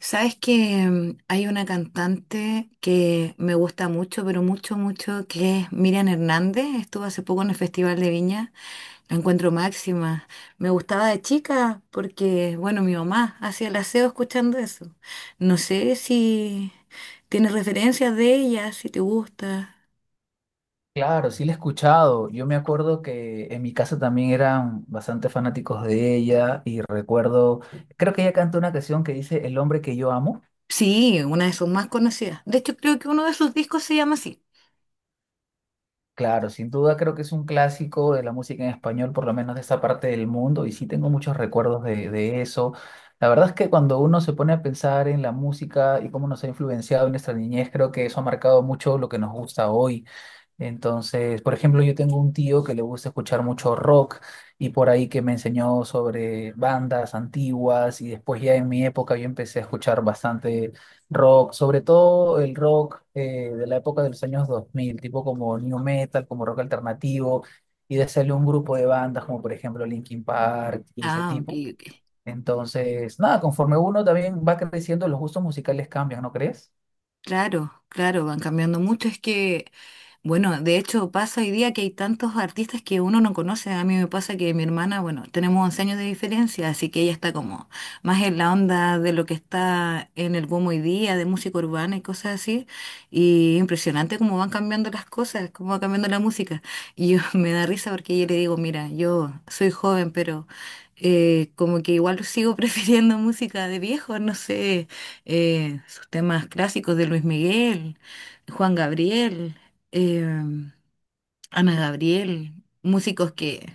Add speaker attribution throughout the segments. Speaker 1: Sabes que hay una cantante que me gusta mucho, pero mucho, mucho, que es Miriam Hernández. Estuvo hace poco en el Festival de Viña. La encuentro máxima. Me gustaba de chica porque, bueno, mi mamá hacía el aseo escuchando eso. No sé si tienes referencias de ella, si te gusta.
Speaker 2: Claro, sí la he escuchado. Yo me acuerdo que en mi casa también eran bastante fanáticos de ella y recuerdo, creo que ella canta una canción que dice El hombre que yo amo.
Speaker 1: Sí, una de sus más conocidas. De hecho, creo que uno de sus discos se llama así.
Speaker 2: Claro, sin duda creo que es un clásico de la música en español, por lo menos de esta parte del mundo, y sí tengo muchos recuerdos de eso. La verdad es que cuando uno se pone a pensar en la música y cómo nos ha influenciado en nuestra niñez, creo que eso ha marcado mucho lo que nos gusta hoy. Entonces, por ejemplo, yo tengo un tío que le gusta escuchar mucho rock y por ahí que me enseñó sobre bandas antiguas y después ya en mi época yo empecé a escuchar bastante rock, sobre todo el rock de la época de los años 2000, tipo como new metal, como rock alternativo y de salió un grupo de bandas como por ejemplo Linkin Park y ese
Speaker 1: Ah, ok,
Speaker 2: tipo.
Speaker 1: ok.
Speaker 2: Entonces, nada, conforme uno también va creciendo, los gustos musicales cambian, ¿no crees?
Speaker 1: Claro, claro, van cambiando mucho. Es que, bueno, de hecho pasa hoy día que hay tantos artistas que uno no conoce. A mí me pasa que mi hermana, bueno, tenemos 11 años de diferencia, así que ella está como más en la onda de lo que está en el boom hoy día, de música urbana y cosas así. Y impresionante cómo van cambiando las cosas, cómo va cambiando la música. Y yo me da risa porque yo le digo, mira, yo soy joven, pero como que igual sigo prefiriendo música de viejo, no sé sus temas clásicos de Luis Miguel, Juan Gabriel, eh, Ana Gabriel, músicos que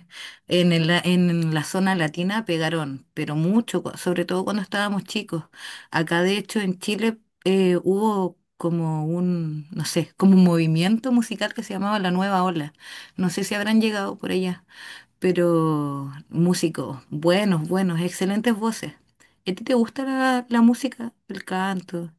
Speaker 1: en la zona latina pegaron, pero mucho, sobre todo cuando estábamos chicos. Acá, de hecho, en Chile hubo como un, no sé, como un movimiento musical que se llamaba La Nueva Ola. No sé si habrán llegado por allá, pero músicos buenos, buenos, excelentes voces. ¿A ti te gusta la música, el canto?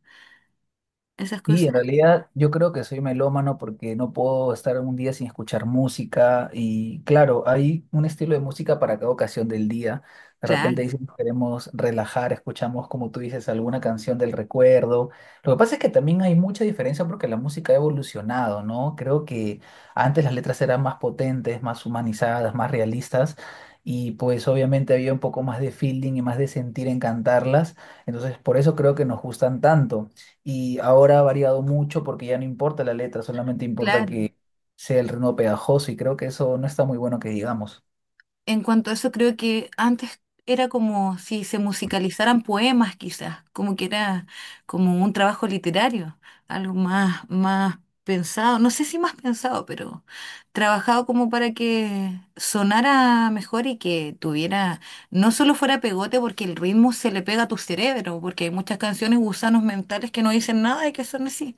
Speaker 1: Esas
Speaker 2: Y
Speaker 1: cosas,
Speaker 2: en realidad yo creo que soy melómano porque no puedo estar un día sin escuchar música y claro, hay un estilo de música para cada ocasión del día. De repente
Speaker 1: claro,
Speaker 2: dicen que queremos relajar, escuchamos como tú dices alguna canción del recuerdo. Lo que pasa es que también hay mucha diferencia porque la música ha evolucionado, ¿no? Creo que antes las letras eran más potentes, más humanizadas, más realistas y pues obviamente había un poco más de feeling y más de sentir en cantarlas. Entonces por eso creo que nos gustan tanto. Y ahora ha variado mucho porque ya no importa la letra, solamente importa
Speaker 1: claro.
Speaker 2: que sea el ritmo pegajoso y creo que eso no está muy bueno que digamos.
Speaker 1: En cuanto a eso, creo que antes era como si se musicalizaran poemas, quizás, como que era como un trabajo literario, algo más, más pensado, no sé si más pensado, pero trabajado como para que sonara mejor y que tuviera, no solo fuera pegote, porque el ritmo se le pega a tu cerebro, porque hay muchas canciones gusanos mentales que no dicen nada y que son así,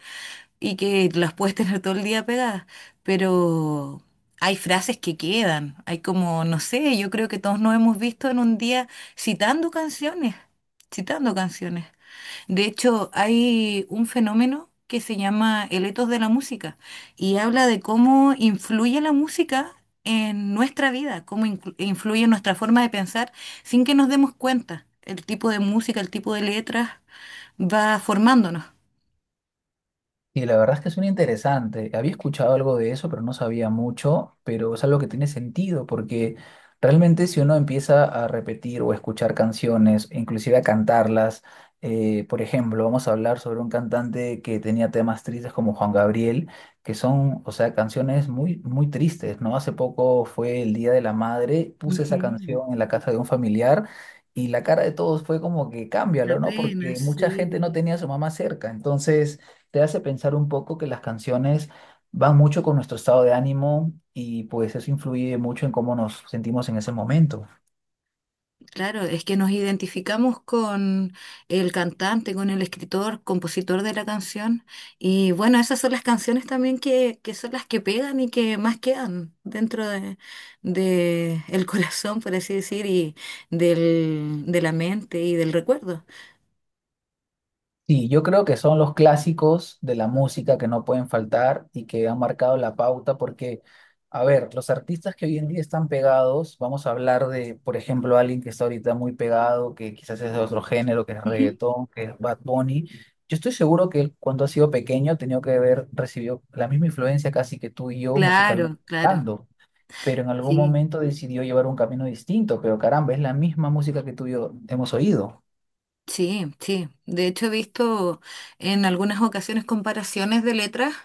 Speaker 1: y que las puedes tener todo el día pegadas, pero hay frases que quedan, hay como, no sé, yo creo que todos nos hemos visto en un día citando canciones, citando canciones. De hecho, hay un fenómeno que se llama el etos de la música y habla de cómo influye la música en nuestra vida, cómo influye en nuestra forma de pensar sin que nos demos cuenta. El tipo de música, el tipo de letras va formándonos.
Speaker 2: Y la verdad es que suena interesante. Había escuchado algo de eso, pero no sabía mucho, pero es algo que tiene sentido, porque realmente si uno empieza a repetir o escuchar canciones, inclusive a cantarlas, por ejemplo, vamos a hablar sobre un cantante que tenía temas tristes como Juan Gabriel, que son, o sea, canciones muy, muy tristes, ¿no? Hace poco fue el Día de la Madre, puse esa
Speaker 1: Ujú.
Speaker 2: canción en la casa de un familiar. Y la cara de todos fue como que
Speaker 1: Una
Speaker 2: cámbialo, ¿no?
Speaker 1: pena,
Speaker 2: Porque mucha gente
Speaker 1: sí.
Speaker 2: no tenía a su mamá cerca. Entonces, te hace pensar un poco que las canciones van mucho con nuestro estado de ánimo y pues eso influye mucho en cómo nos sentimos en ese momento.
Speaker 1: Claro, es que nos identificamos con el cantante, con el escritor, compositor de la canción. Y bueno, esas son las canciones también que son las que pegan y que más quedan dentro de el corazón, por así decir, y del, de la mente y del recuerdo.
Speaker 2: Sí, yo creo que son los clásicos de la música que no pueden faltar y que han marcado la pauta porque, a ver, los artistas que hoy en día están pegados, vamos a hablar de, por ejemplo, alguien que está ahorita muy pegado, que quizás es de otro género, que es
Speaker 1: Ujú.
Speaker 2: reggaetón, que es Bad Bunny. Yo estoy seguro que él, cuando ha sido pequeño, ha tenido que haber recibido la misma influencia casi que tú y yo musicalmente
Speaker 1: Claro, claro,
Speaker 2: hablando. Pero en algún
Speaker 1: sí,
Speaker 2: momento decidió llevar un camino distinto, pero caramba, es la misma música que tú y yo hemos oído.
Speaker 1: sí, sí. De hecho, he visto en algunas ocasiones comparaciones de letras,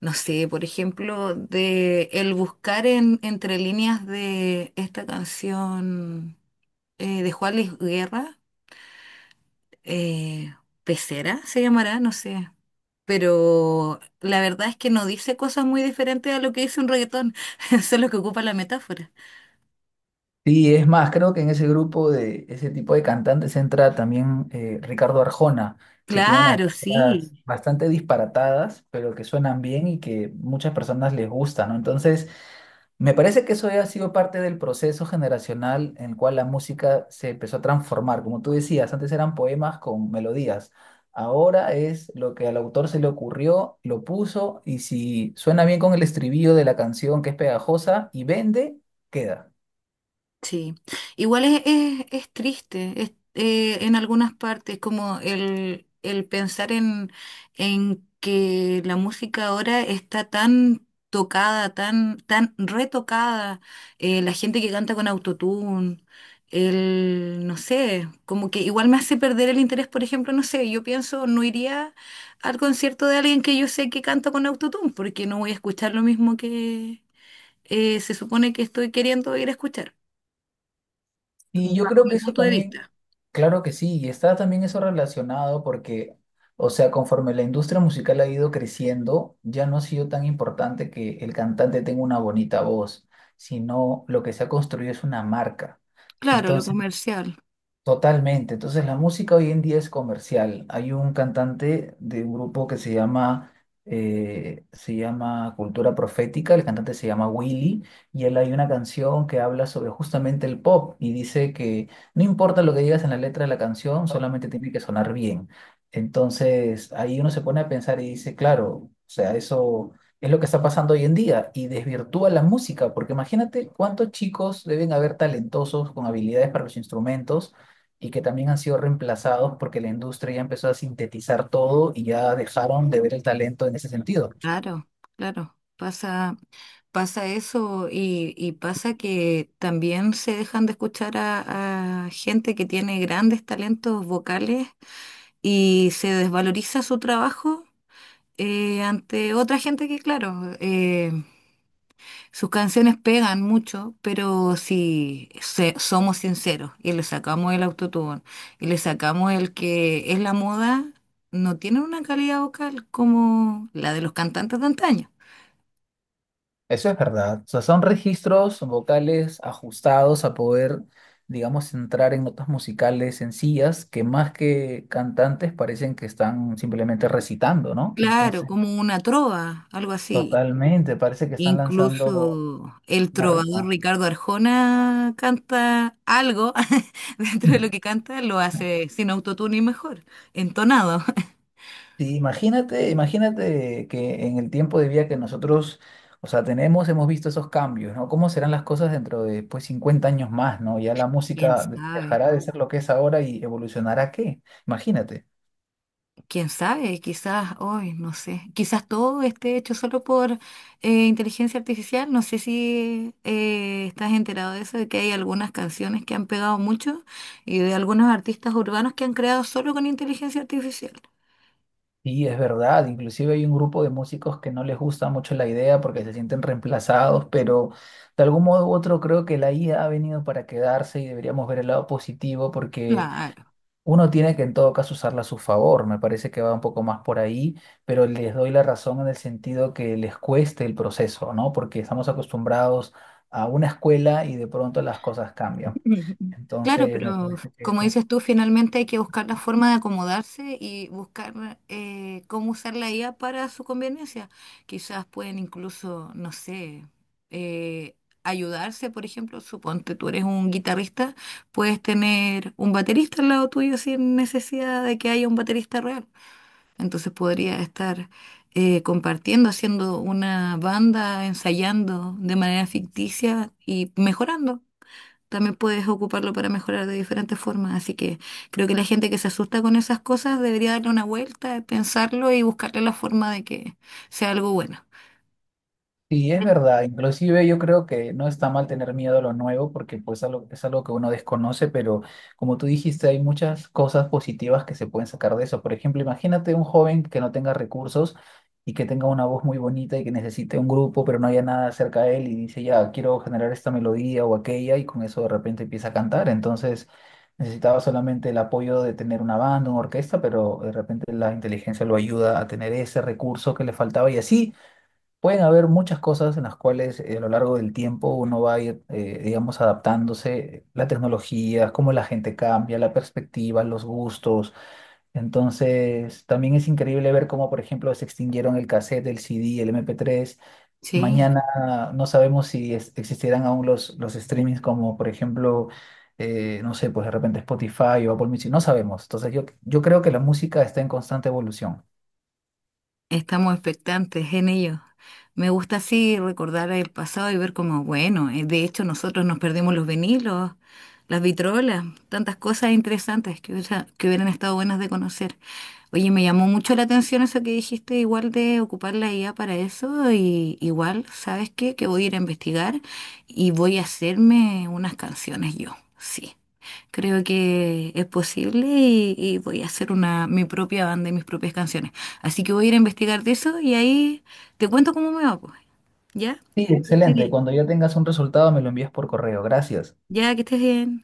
Speaker 1: no sé, por ejemplo, de el buscar en, entre líneas de esta canción, de Juan Luis Guerra, eh, Pecera se llamará, no sé. Pero la verdad es que no dice cosas muy diferentes a lo que dice un reggaetón, solo que ocupa la metáfora.
Speaker 2: Sí, es más, creo que en ese grupo de ese tipo de cantantes entra también Ricardo Arjona, que tiene unas
Speaker 1: Claro,
Speaker 2: letras
Speaker 1: sí.
Speaker 2: bastante disparatadas, pero que suenan bien y que muchas personas les gustan, ¿no? Entonces, me parece que eso ya ha sido parte del proceso generacional en el cual la música se empezó a transformar. Como tú decías, antes eran poemas con melodías. Ahora es lo que al autor se le ocurrió, lo puso y si suena bien con el estribillo de la canción que es pegajosa y vende, queda.
Speaker 1: Sí, igual es triste es, en algunas partes, como el pensar en que la música ahora está tan tocada, tan retocada, la gente que canta con autotune, el, no sé, como que igual me hace perder el interés, por ejemplo, no sé, yo pienso, no iría al concierto de alguien que yo sé que canta con autotune, porque no voy a escuchar lo mismo que se supone que estoy queriendo ir a escuchar
Speaker 2: Y yo creo
Speaker 1: mi
Speaker 2: que eso
Speaker 1: punto de
Speaker 2: también,
Speaker 1: vista.
Speaker 2: claro que sí, y está también eso relacionado porque, o sea, conforme la industria musical ha ido creciendo, ya no ha sido tan importante que el cantante tenga una bonita voz, sino lo que se ha construido es una marca.
Speaker 1: Claro, lo
Speaker 2: Entonces,
Speaker 1: comercial,
Speaker 2: totalmente. Entonces la música hoy en día es comercial. Hay un cantante de un grupo que se llama Cultura Profética, el cantante se llama Willy, y él hay una canción que habla sobre justamente el pop y dice que no importa lo que digas en la letra de la canción, solamente tiene que sonar bien. Entonces ahí uno se pone a pensar y dice, claro, o sea, eso es lo que está pasando hoy en día y desvirtúa la música, porque imagínate cuántos chicos deben haber talentosos con habilidades para los instrumentos y que también han sido reemplazados porque la industria ya empezó a sintetizar todo y ya dejaron de ver el talento en ese sentido.
Speaker 1: claro, claro. Pasa, pasa eso y pasa que también se dejan de escuchar a gente que tiene grandes talentos vocales y se desvaloriza su trabajo ante otra gente que, claro, sus canciones pegan mucho, pero si se- somos sinceros y le sacamos el autotune y le sacamos el que es la moda, no tienen una calidad vocal como la de los cantantes de antaño.
Speaker 2: Eso es verdad. O sea, son registros vocales ajustados a poder, digamos, entrar en notas musicales sencillas que más que cantantes parecen que están simplemente recitando, ¿no?
Speaker 1: Claro,
Speaker 2: Entonces,
Speaker 1: como una trova, algo así.
Speaker 2: totalmente, parece que están lanzando
Speaker 1: Incluso el
Speaker 2: una
Speaker 1: trovador
Speaker 2: rima.
Speaker 1: Ricardo Arjona canta algo dentro de
Speaker 2: Mm.
Speaker 1: lo que canta, lo hace sin autotune y mejor, entonado.
Speaker 2: Sí, imagínate, imagínate que en el tiempo de vida que nosotros, o sea, tenemos, hemos visto esos cambios, ¿no? ¿Cómo serán las cosas dentro de, pues, 50 años más, ¿no? Ya la
Speaker 1: ¿Quién
Speaker 2: música
Speaker 1: sabe?
Speaker 2: dejará de ser lo que es ahora y evolucionará a qué? Imagínate.
Speaker 1: Quién sabe, quizás, hoy, no sé, quizás todo esté hecho solo por inteligencia artificial. No sé si estás enterado de eso, de que hay algunas canciones que han pegado mucho y de algunos artistas urbanos que han creado solo con inteligencia artificial.
Speaker 2: Sí, es verdad, inclusive hay un grupo de músicos que no les gusta mucho la idea porque se sienten reemplazados, pero de algún modo u otro creo que la IA ha venido para quedarse y deberíamos ver el lado positivo porque
Speaker 1: Claro.
Speaker 2: uno tiene que en todo caso usarla a su favor, me parece que va un poco más por ahí, pero les doy la razón en el sentido que les cueste el proceso, ¿no? Porque estamos acostumbrados a una escuela y de pronto las cosas cambian.
Speaker 1: Ujú. Claro,
Speaker 2: Entonces, me
Speaker 1: pero
Speaker 2: parece que
Speaker 1: como
Speaker 2: eso.
Speaker 1: dices tú, finalmente hay que buscar la forma de acomodarse y buscar cómo usar la IA para su conveniencia. Quizás pueden incluso, no sé, eh, ayudarse, por ejemplo, suponte tú eres un guitarrista, puedes tener un baterista al lado tuyo sin necesidad de que haya un baterista real. Entonces podría estar compartiendo, haciendo una banda, ensayando de manera ficticia y mejorando también puedes ocuparlo para mejorar de diferentes formas. Así que creo que la gente que se asusta con esas cosas debería darle una vuelta, pensarlo y buscarle la forma de que sea algo bueno.
Speaker 2: Sí, es verdad. Inclusive yo creo que no está mal tener miedo a lo nuevo porque pues es algo que uno desconoce, pero como tú dijiste, hay muchas cosas positivas que se pueden sacar de eso. Por ejemplo, imagínate un joven que no tenga recursos y que tenga una voz muy bonita y que necesite un grupo, pero no haya nada cerca de él y dice, ya, quiero generar esta melodía o aquella y con eso de repente empieza a cantar. Entonces necesitaba solamente el apoyo de tener una banda, una orquesta, pero de repente la inteligencia lo ayuda a tener ese recurso que le faltaba y así. Pueden haber muchas cosas en las cuales a lo largo del tiempo uno va a ir, digamos, adaptándose, la tecnología, cómo la gente cambia, la perspectiva, los gustos. Entonces, también es increíble ver cómo, por ejemplo, se extinguieron el cassette, el CD, el MP3.
Speaker 1: Sí.
Speaker 2: Mañana no sabemos si existirán aún los streamings como, por ejemplo, no sé, pues de repente Spotify o Apple Music, no sabemos. Entonces, yo creo que la música está en constante evolución.
Speaker 1: Estamos expectantes en ello. Me gusta así recordar el pasado y ver cómo, bueno, de hecho nosotros nos perdimos los vinilos, las vitrolas, tantas cosas interesantes que, que hubieran estado buenas de conocer. Oye, me llamó mucho la atención eso que dijiste, igual de ocupar la IA para eso, y igual, ¿sabes qué? Que voy a ir a investigar y voy a hacerme unas canciones yo, sí. Creo que es posible y voy a hacer una, mi propia banda y mis propias canciones. Así que voy a ir a investigar de eso y ahí te cuento cómo me va, pues. ¿Ya?
Speaker 2: Sí,
Speaker 1: Que estés
Speaker 2: excelente.
Speaker 1: bien.
Speaker 2: Cuando ya tengas un resultado, me lo envías por correo. Gracias.
Speaker 1: Ya, que estés bien.